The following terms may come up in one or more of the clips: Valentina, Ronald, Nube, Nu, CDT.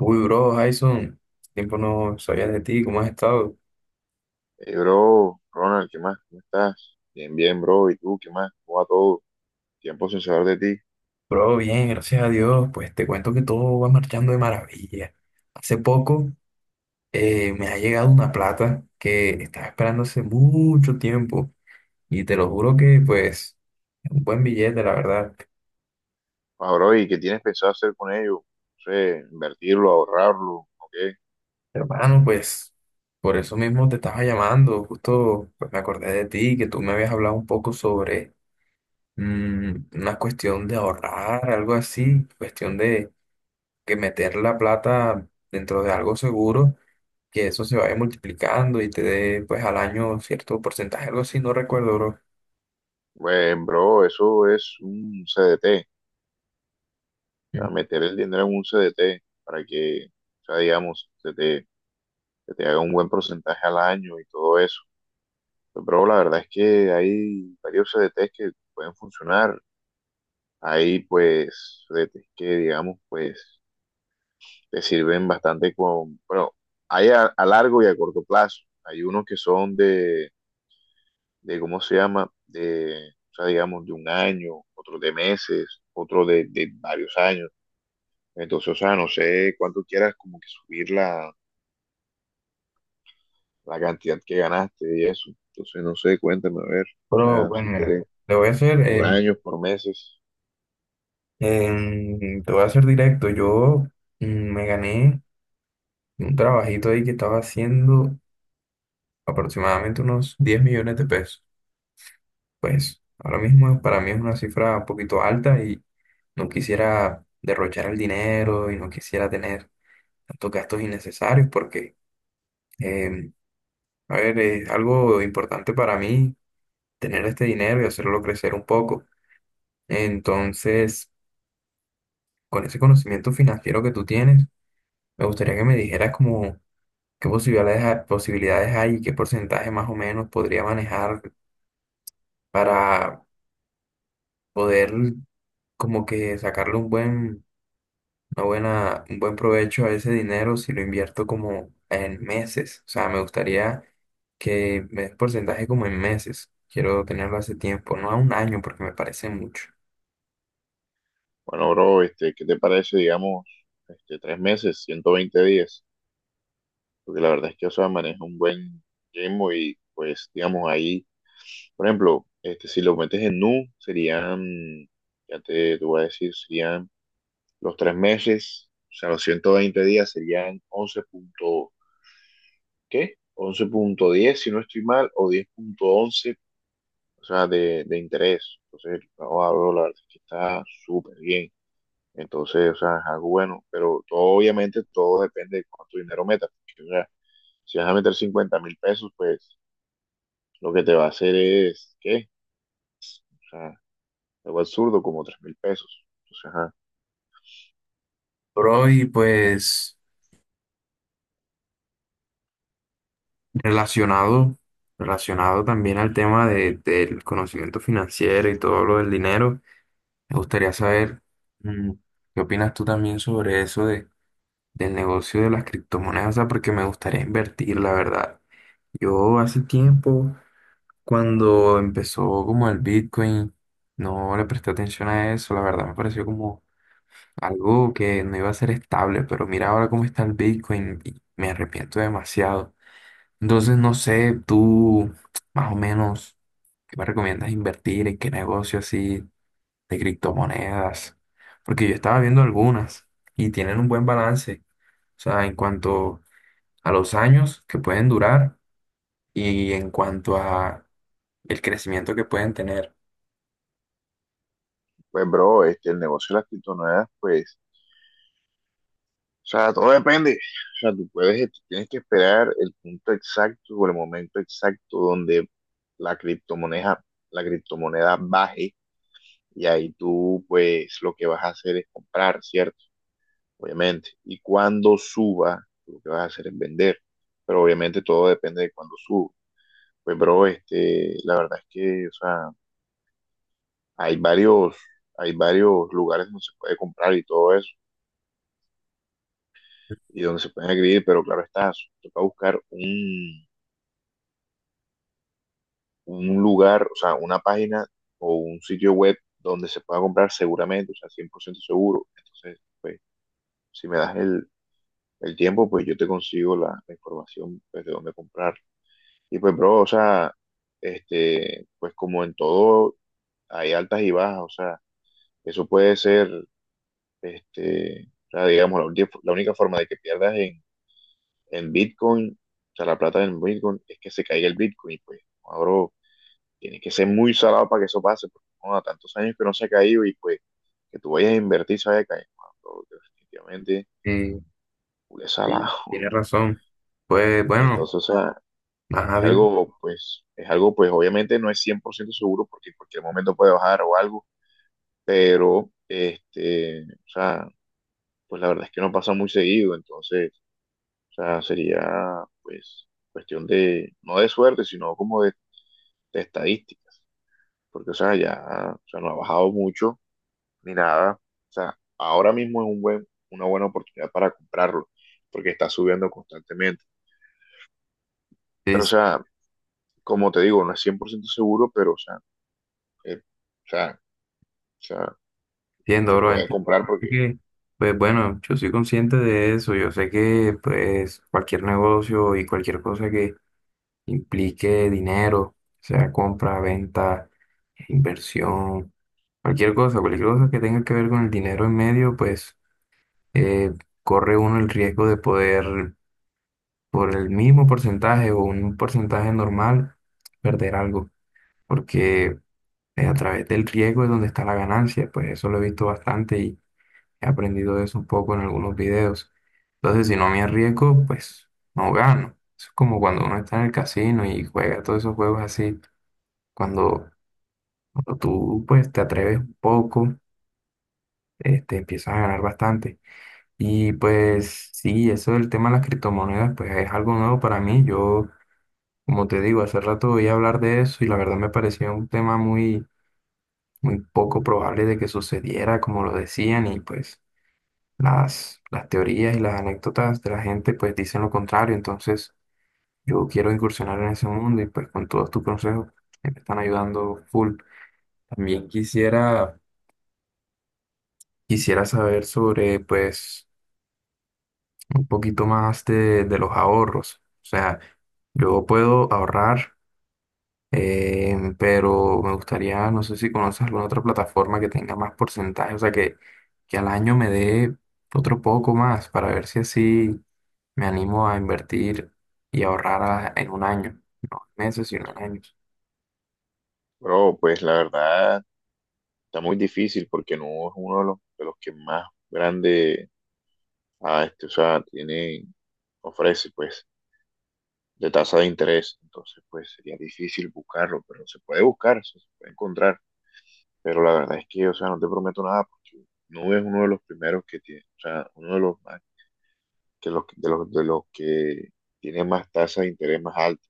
Uy, bro, Jason, tiempo no sabía de ti, ¿cómo has estado? Hey, bro, Ronald, ¿qué más? ¿Cómo estás? Bien, bien, bro. ¿Y tú, qué más? ¿Cómo va todo? Tiempo sin saber de ti. Bro, bien, gracias a Dios, pues te cuento que todo va marchando de maravilla. Hace poco me ha llegado una plata que estaba esperando hace mucho tiempo y te lo juro que pues es un buen billete, la verdad. Ah, bro, ¿y qué tienes pensado hacer con ello? No sé, invertirlo, ahorrarlo, ¿o qué? Hermano, pues por eso mismo te estaba llamando, justo pues, me acordé de ti, que tú me habías hablado un poco sobre una cuestión de ahorrar, algo así, cuestión de que meter la plata dentro de algo seguro, que eso se vaya multiplicando y te dé pues al año cierto porcentaje, algo así, no recuerdo, bro. Pues, bro, eso es un CDT. O Mm. sea, meter el dinero en un CDT para que, o sea, digamos, se te haga un buen porcentaje al año y todo eso. Pues, bro, la verdad es que hay varios CDTs que pueden funcionar. Hay, pues, CDTs que, digamos, pues te sirven bastante con, bueno, hay a largo y a corto plazo. Hay unos que son ¿cómo se llama? De, o sea, digamos, de un año, otros de meses, otros de varios años. Entonces, o sea, no sé cuánto quieras como que subir la cantidad que ganaste y eso. Entonces, no sé, cuéntame, a ver, o Pero sea, bueno, si mira, quieres, lo voy a hacer, por años, por meses. Te voy a hacer directo. Yo me gané un trabajito ahí que estaba haciendo aproximadamente unos 10.000.000 de pesos. Pues ahora mismo para mí es una cifra un poquito alta y no quisiera derrochar el dinero y no quisiera tener tantos gastos innecesarios porque em, a ver, es algo importante para mí tener este dinero y hacerlo crecer un poco. Entonces, con ese conocimiento financiero que tú tienes, me gustaría que me dijeras como qué posibilidades, posibilidades hay y qué porcentaje más o menos podría manejar para poder como que sacarle un buen, una buena, un buen provecho a ese dinero si lo invierto como en meses. O sea, me gustaría que me des porcentaje como en meses. Quiero tenerlo hace tiempo, no a un año porque me parece mucho. Bueno, bro, ¿qué te parece, digamos, 3 meses, 120 días? Porque la verdad es que Osa maneja un buen ritmo y pues digamos ahí, por ejemplo, si lo metes en Nu, serían, ya te voy a decir, serían los 3 meses, o sea, los 120 días serían ¿Qué? 11,10 si no estoy mal, o 10,11, o sea, de interés. Entonces, el trabajo, bro, la verdad es que está súper bien. Entonces, o sea, es algo bueno, pero todo, obviamente todo depende de cuánto dinero metas. Porque, o sea, si vas a meter 50.000 pesos, pues lo que te va a hacer es, ¿qué? O sea, algo absurdo, como 3.000 pesos. Entonces, ajá. Bro, y pues relacionado, relacionado también al tema de, del conocimiento financiero y todo lo del dinero, me gustaría saber mm, qué opinas tú también sobre eso de, del negocio de las criptomonedas, o sea, porque me gustaría invertir, la verdad. Yo hace tiempo, cuando empezó como el Bitcoin, no le presté atención a eso, la verdad me pareció como algo que no iba a ser estable, pero mira ahora cómo está el Bitcoin y me arrepiento demasiado. Entonces, no sé, tú más o menos, ¿qué me recomiendas invertir? ¿En qué negocio así de criptomonedas? Porque yo estaba viendo algunas y tienen un buen balance. O sea, en cuanto a los años que pueden durar y en cuanto a el crecimiento que pueden tener. Pues, bro, el negocio de las criptomonedas, pues, o sea, todo depende. O sea, tú tienes que esperar el punto exacto o el momento exacto donde la criptomoneda, la criptomoneda baje, y ahí tú, pues, lo que vas a hacer es comprar, ¿cierto? Obviamente. Y cuando suba, lo que vas a hacer es vender. Pero obviamente todo depende de cuando suba. Pues, bro, la verdad es que, o sea, hay varios, hay varios lugares donde se puede comprar y todo eso, y donde se pueden adquirir, pero claro está, toca buscar un lugar, o sea, una página o un sitio web donde se pueda comprar seguramente, o sea, 100% seguro. Entonces, pues, si me das el tiempo, pues yo te consigo la información, pues, de dónde comprar. Y pues, bro, o sea, pues como en todo, hay altas y bajas, o sea, eso puede ser, o sea, digamos, la única forma de que pierdas en, Bitcoin, o sea, la plata en Bitcoin, es que se caiga el Bitcoin. Pues, ahora tiene que ser muy salado para que eso pase, porque bueno, tantos años que no se ha caído y pues que tú vayas a invertir se vaya a caer, mano, bro, definitivamente, Eh, es sí, salado. tienes razón. Pues bueno, Entonces, o sea, ajá, es dime. algo, pues, es algo, pues, obviamente no es 100% seguro porque en cualquier momento puede bajar o algo, pero, o sea, pues la verdad es que no pasa muy seguido. Entonces, o sea, sería, pues, cuestión de, no de suerte, sino como de estadísticas, porque, o sea, ya, o sea, no ha bajado mucho ni nada. O sea, ahora mismo es una buena oportunidad para comprarlo, porque está subiendo constantemente. Sí, Pero, o sí. sea, como te digo, no es 100% seguro, pero, eh, o sea, o sea, Entiendo, se bro. puede Entiendo comprar porque, que, pues bueno, yo soy consciente de eso. Yo sé que, pues, cualquier negocio y cualquier cosa que implique dinero, sea compra, venta, inversión, cualquier cosa que tenga que ver con el dinero en medio, pues, eh, corre uno el riesgo de poder, por el mismo porcentaje o un porcentaje normal, perder algo. Porque a través del riesgo es donde está la ganancia. Pues eso lo he visto bastante. He aprendido eso un poco en algunos videos. Entonces, si no me arriesgo, pues no gano. Eso es como cuando uno está en el casino y juega todos esos juegos así. Cuando, cuando tú pues te atreves un poco, este, empiezas a ganar bastante. Y pues sí, eso del tema de las criptomonedas, pues es algo nuevo para mí. Yo, como te digo, hace rato voy a hablar de eso y la verdad me parecía un tema muy, muy poco probable de que sucediera, como lo decían, y pues. Las teorías y las anécdotas de la gente pues dicen lo contrario, entonces yo quiero incursionar en ese mundo y pues con todos tus consejos que me están ayudando full. También quisiera, quisiera saber sobre pues un poquito más de los ahorros. O sea, yo puedo ahorrar. Em, pero me gustaría, no sé si conoces alguna otra plataforma que tenga más porcentaje, o sea, que al año me dé otro poco más para ver si así me animo a invertir y ahorrar en un año, no en meses, sino en años. bro, pues la verdad está muy difícil porque no es uno de los, que más grande, o sea, ofrece, pues, de tasa de interés. Entonces, pues sería difícil buscarlo, pero se puede buscar, se puede encontrar. Pero la verdad es que, o sea, no te prometo nada porque Nube es uno de los primeros que tiene, o sea, uno de los más, que los, de los, de los que tiene más tasa de interés más alta.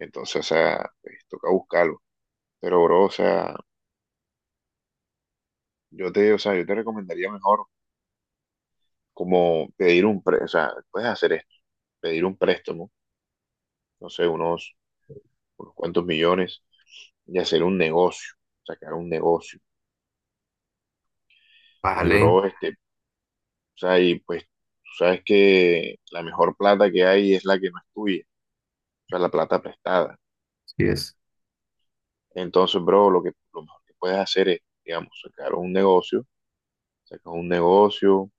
Entonces, o sea, pues toca buscarlo. Pero, bro, o sea, yo te recomendaría mejor como pedir un préstamo, o sea, puedes hacer esto, pedir un préstamo, no sé, unos cuantos millones y hacer un negocio, sacar un negocio. Y, Vale, bro, o sea, y pues tú sabes que la mejor plata que hay es la que no es tuya, o sea, la plata prestada. sí es. Entonces, bro, lo mejor que puedes hacer es, digamos, sacar un negocio, sacas un negocio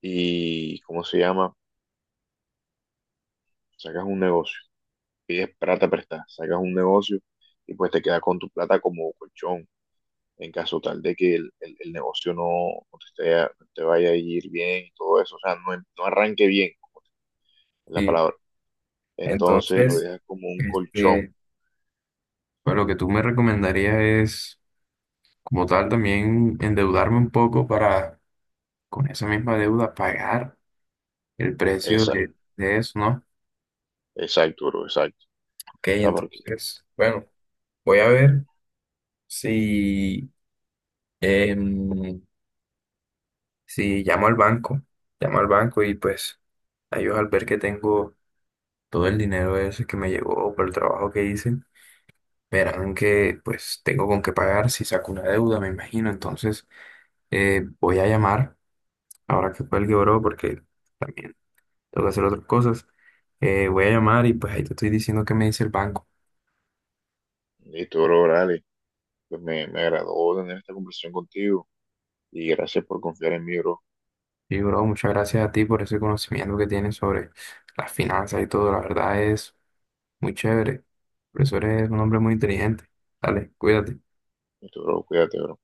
y, ¿cómo se llama? Sacas un negocio, pides plata prestada, sacas un negocio, y pues te quedas con tu plata como colchón en caso tal de que el negocio no, no te, no te vaya a ir bien y todo eso, o sea, no arranque bien, es la Sí. palabra. Entonces lo Entonces, dejas como un colchón, este, pues lo que tú me recomendarías es, como tal, también endeudarme un poco para, con esa misma deuda, pagar el precio esa, de eso, ¿no? exacto, bro, exacto. Ok, ¿Sabes por qué? entonces, bueno, voy a ver si, em, si llamo al banco, llamo al banco y pues a ellos al ver que tengo todo el dinero ese que me llegó por el trabajo que hice, verán que pues tengo con qué pagar si saco una deuda, me imagino. Entonces, voy a llamar, ahora que cuelgue, bro, porque también tengo que hacer otras cosas. Voy a llamar y pues ahí te estoy diciendo qué me dice el banco. Listo, bro, dale. Pues me agradó tener esta conversación contigo y gracias por confiar en mí, bro. Sí, bro, muchas gracias a ti por ese conocimiento que tienes sobre las finanzas y todo. La verdad es muy chévere. Por eso eres un hombre muy inteligente. Dale, cuídate. Listo, bro, cuídate, bro.